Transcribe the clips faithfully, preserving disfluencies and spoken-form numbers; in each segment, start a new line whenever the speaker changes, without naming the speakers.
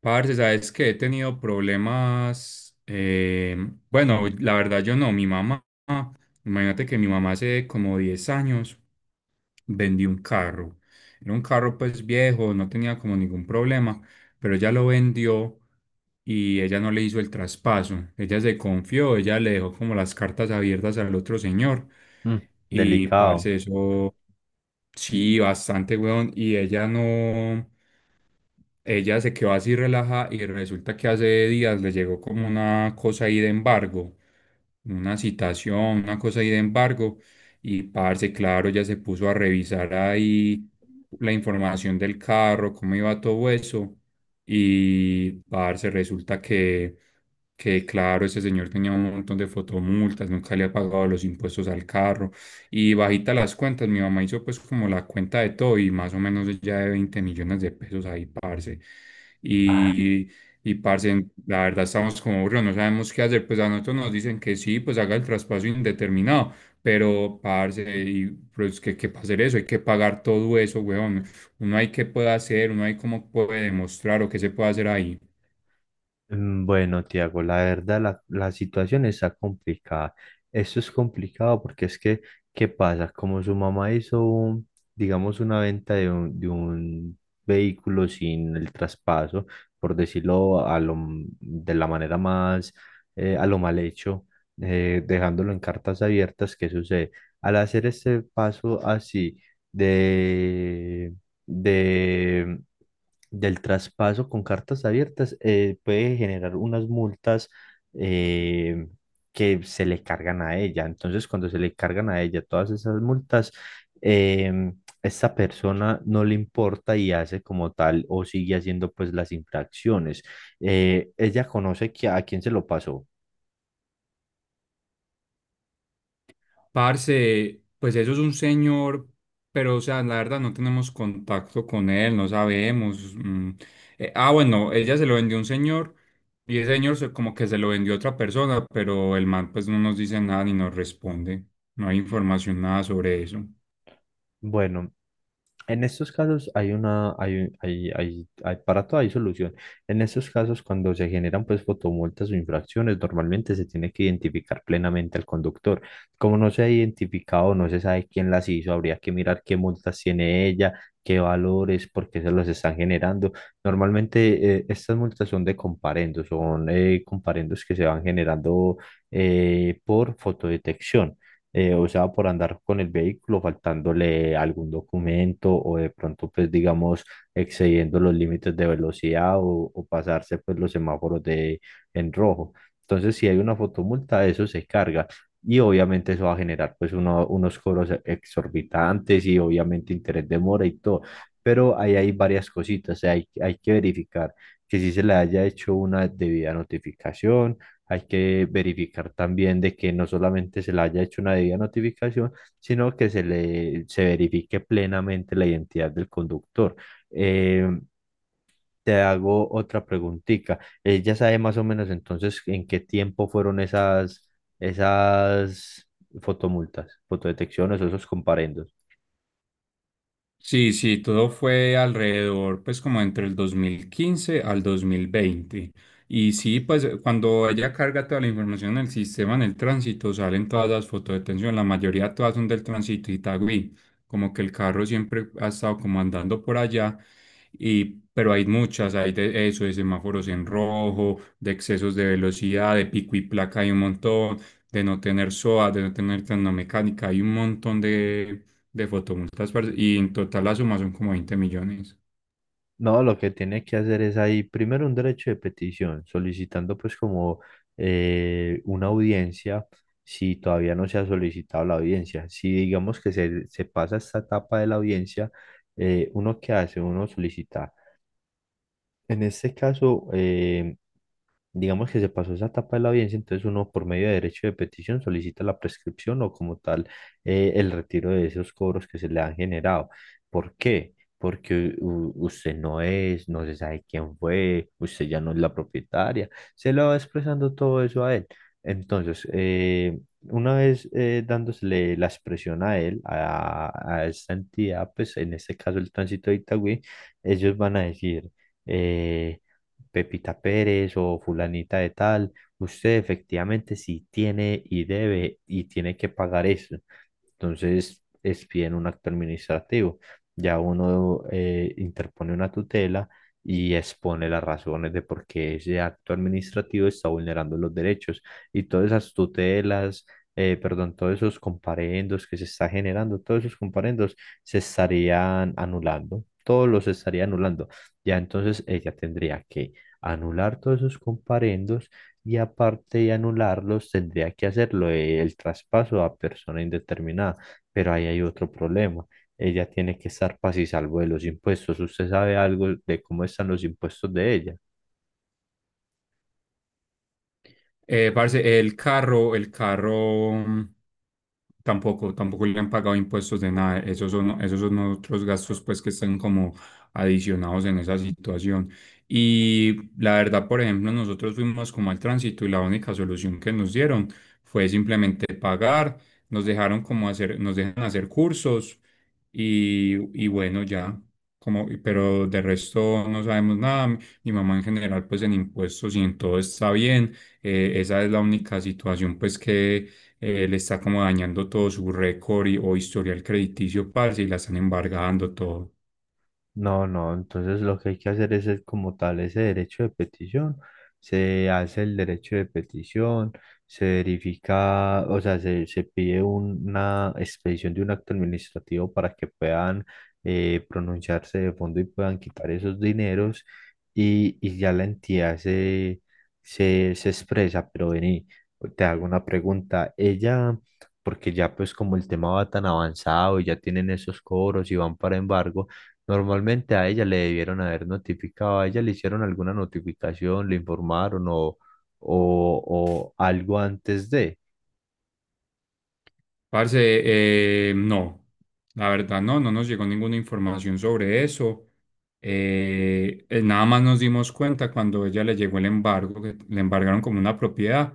Parce, sabes que he tenido problemas. Eh, bueno, la verdad yo no. Mi mamá, imagínate que mi mamá hace como diez años vendió un carro. Era un carro pues viejo, no tenía como ningún problema, pero ella lo vendió y ella no le hizo el traspaso. Ella se confió, ella le dejó como las cartas abiertas al otro señor.
Mm,
Y
delicado.
parce, eso sí, bastante, weón. Y ella no. Ella se quedó así relaja y resulta que hace días le llegó como una cosa ahí de embargo, una citación, una cosa ahí de embargo. Y parce, claro, ya se puso a revisar ahí la información del carro, cómo iba todo eso. Y parce, resulta que que claro, ese señor tenía un montón de fotomultas, nunca le ha pagado los impuestos al carro y bajita las cuentas, mi mamá hizo pues como la cuenta de todo y más o menos ya de veinte millones de pesos ahí, parce.
Ah,
Y, y parce, la verdad estamos como burros, no sabemos qué hacer, pues a nosotros nos dicen que sí, pues haga el traspaso indeterminado. Pero, parce, y, pero es que hay que hacer eso, hay que pagar todo eso, weón. Uno hay que puede hacer, uno hay cómo puede demostrar o qué se puede hacer ahí.
mm, bueno, Tiago, la verdad la, la situación está complicada. Esto es complicado porque es que, ¿qué pasa? Como su mamá hizo, un- digamos, una venta de un, de un vehículo sin el traspaso, por decirlo a lo, m- de la manera más, eh, a lo mal hecho, eh, dejándolo en cartas abiertas, ¿qué sucede? Al hacer este paso así de de, del traspaso con cartas abiertas, eh, puede generar unas multas, eh, que se le cargan a ella. Entonces, cuando se le cargan a ella todas esas multas, eh, esta persona no le importa y hace como tal o sigue haciendo pues las infracciones. Eh, ella conoce que a quién se lo pasó.
Parce, pues eso es un señor, pero o sea, la verdad no tenemos contacto con él, no sabemos. Mm. Eh, ah, bueno, ella se lo vendió a un señor y ese señor se- como que se lo vendió a otra persona, pero el man pues no nos dice nada ni nos responde. No hay información nada sobre eso.
Bueno, en estos casos hay una, hay, un- hay, hay, hay- para todo hay solución. En estos casos, cuando se generan pues fotomultas o infracciones, normalmente se tiene que identificar plenamente al conductor. Como no se ha identificado, no se sabe quién las hizo, habría que mirar qué multas tiene ella, qué valores, por qué se los están generando. Normalmente eh, estas multas son de comparendos, son eh, comparendos que se van generando, eh, por fotodetección, eh, o sea, por andar con el vehículo faltándole algún documento o de pronto, pues, digamos, excediendo los límites de velocidad o, o pasarse, pues, los semáforos de, en rojo. Entonces, si hay una fotomulta, eso se carga y obviamente eso va a generar, pues, uno- unos cobros exorbitantes y obviamente interés de mora y todo. Pero ahí hay varias cositas, o sea, hay, hay que verificar que si se le haya hecho una debida notificación, hay que verificar también de que no solamente se le haya hecho una debida notificación, sino que se le se verifique plenamente la identidad del conductor. Eh, te hago otra preguntita. ¿Ya sabe más o menos entonces en qué tiempo fueron esas, esas fotomultas, fotodetecciones o esos comparendos?
Sí, sí, todo fue alrededor, pues como entre el dos mil quince al dos mil veinte. Y sí, pues eh, cuando ella carga toda la información en el sistema, en el tránsito, salen todas las fotos de tensión, la mayoría todas son del tránsito Itagüí, como que el carro siempre ha estado como andando por allá, y, pero hay muchas, hay de eso, de semáforos en rojo, de excesos de velocidad, de pico y placa hay un montón, de no tener S O A, de no tener mecánica, hay un montón de de fotomultas, parce, y en total la suma son como veinte millones.
No, lo que tiene que hacer es ahí primero un derecho de petición, solicitando pues como, eh, una audiencia si todavía no se ha solicitado la audiencia. Si digamos que se, se pasa esta etapa de la audiencia, eh, uno qué hace, uno solicita. En este caso, eh, digamos que se pasó esa etapa de la audiencia, entonces uno por medio de derecho de petición solicita la prescripción o como tal, eh, el retiro de esos cobros que se le han generado. ¿Por qué? Porque u- usted no es, no se sabe quién fue, usted ya no es la propietaria, se lo va expresando todo eso a él. Entonces, eh, una vez eh, dándosele la expresión a él, a, a esta entidad, pues en este caso el tránsito de Itagüí, ellos van a decir... eh, Pepita Pérez o fulanita de tal, usted efectivamente sí tiene y debe y tiene que pagar eso. Entonces es bien un acto administrativo. Ya uno eh, interpone una tutela y expone las razones de por qué ese acto administrativo está vulnerando los derechos y todas esas tutelas. eh, perdón, todos esos comparendos que se está generando, todos esos comparendos se estarían anulando, todos los estaría anulando. Ya entonces ella tendría que anular todos esos comparendos, y aparte de anularlos tendría que hacerlo, eh, el traspaso a persona indeterminada, pero ahí hay otro problema. Ella tiene que estar paz y salvo de los impuestos. ¿Usted sabe algo de cómo están los impuestos de ella?
Eh, parce, el carro, el carro mm, tampoco, tampoco le han pagado impuestos de nada. Esos son, esos son otros gastos pues que están como adicionados en esa situación. Y la verdad, por ejemplo, nosotros fuimos como al tránsito y la única solución que nos dieron fue simplemente pagar. Nos dejaron como hacer, nos dejan hacer cursos y, y bueno, ya. Como, pero de resto no sabemos nada. Mi mamá en general, pues en impuestos y en todo está bien. Eh, esa es la única situación pues que eh, le está como dañando todo su récord y- o historial crediticio, parce, y la están embargando todo.
No, no, entonces lo que hay que hacer es, es como tal ese derecho de petición. Se hace el derecho de petición, se verifica, o sea, se, se pide un- una expedición de un acto administrativo para que puedan, eh, pronunciarse de fondo y puedan quitar esos dineros y, y ya la entidad se, se, se expresa. Pero vení, te hago una pregunta. Ella, porque ya pues como el tema va tan avanzado y ya tienen esos cobros y van para embargo. Normalmente a ella le debieron haber notificado, a ella le hicieron alguna notificación, le informaron o, o, o algo antes de.
Parce, eh, no, la verdad no, no, nos llegó ninguna información sobre eso. Eh, eh, nada más nos dimos cuenta cuando ella le llegó el embargo, que le embargaron como una propiedad,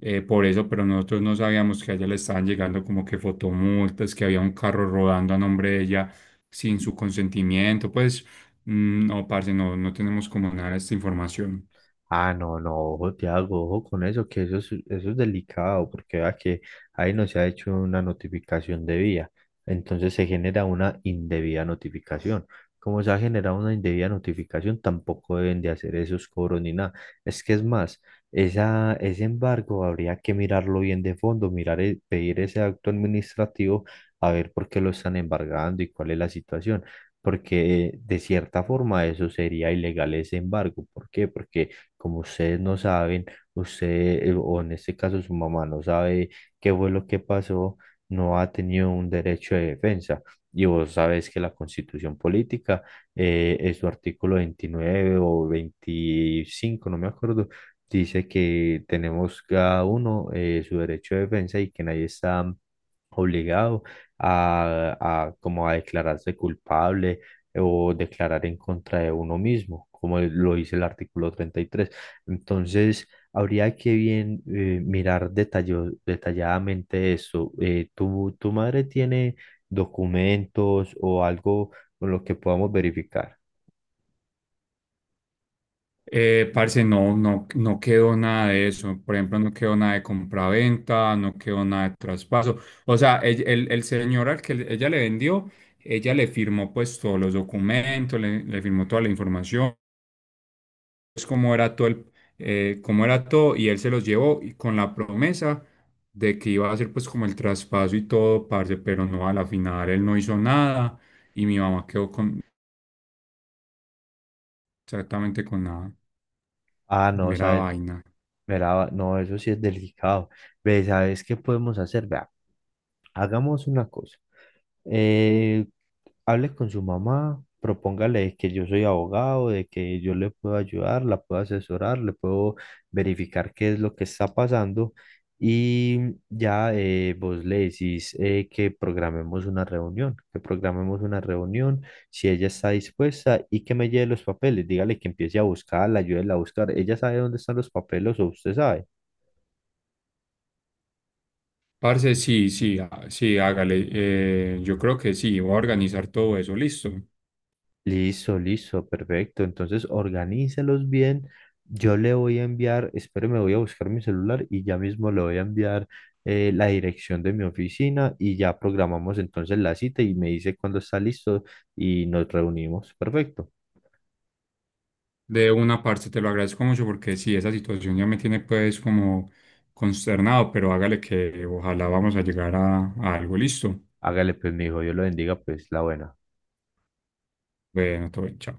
eh, por eso, pero nosotros no sabíamos que a ella le estaban llegando como que fotomultas, que había un carro rodando a nombre de ella sin su consentimiento. Pues mm, no, parce, no, no, tenemos como nada de esta información.
Ah, no, no, ojo, Tiago, ojo con eso, que eso es, eso es delicado, porque vea que ahí no se ha hecho una notificación debida, entonces se genera una indebida notificación. Como se ha generado una indebida notificación, tampoco deben de hacer esos cobros ni nada. Es que es más, esa, ese embargo habría que mirarlo bien de fondo, mirar, el- pedir ese acto administrativo, a ver por qué lo están embargando y cuál es la situación. Porque de cierta forma eso sería ilegal ese embargo. ¿Por qué? Porque como ustedes no saben, usted, eh, o en este caso su mamá no sabe qué fue lo que pasó, no ha tenido un derecho de defensa. Y vos sabes que la Constitución Política, eh, en su artículo veintinueve o veinticinco no me acuerdo, dice que tenemos cada uno, eh, su derecho de defensa y que nadie está obligado a, a como a declararse culpable o declarar en contra de uno mismo, como lo dice el artículo treinta y tres. Entonces, habría que bien, eh, mirar detallo- detalladamente esto. Eh, ¿tu, tu madre tiene documentos o algo con lo que podamos verificar?
Eh, parce, no, no, no quedó nada de eso. Por ejemplo, no quedó nada de compraventa, no quedó nada de traspaso. O sea, el, el- el señor al que le- ella le vendió, ella le firmó pues todos los documentos, le, le firmó toda la información, pues, cómo era todo el, eh, cómo era todo, y él se los llevó y con la promesa de que iba a hacer pues como el traspaso y todo, parce, pero no, a la final él no hizo nada y mi mamá quedó con exactamente con la
Ah, no,
mera
sabes.
vaina.
Verá, no, eso sí es delicado. Ve, ¿sabes qué podemos hacer? Vea, hagamos una cosa. Eh, hable con su mamá, propóngale que yo soy abogado, de que yo le puedo ayudar, la puedo asesorar, le puedo verificar qué es lo que está pasando y ya, eh, vos le decís, eh, que programemos una reunión, que programemos una reunión si ella está dispuesta y que me lleve los papeles, dígale que empiece a buscarla, ayúdela a buscar. Ella sabe dónde están los papeles o usted sabe.
Parce, sí, sí, ah, sí, hágale. Eh, yo creo que sí, voy a organizar todo eso, listo.
Listo, listo, perfecto. Entonces, organícelos bien. Yo le voy a enviar, espere, me voy a buscar mi celular y ya mismo le voy a enviar, eh, la dirección de mi oficina y ya programamos entonces la cita y me dice cuándo está listo y nos reunimos. Perfecto.
De una parte te lo agradezco mucho porque sí, esa situación ya me tiene pues como consternado, pero hágale que ojalá vamos a llegar a, a algo, listo.
Hágale pues, mi hijo, Dios lo bendiga, pues la buena.
Bueno, todo bien, chao.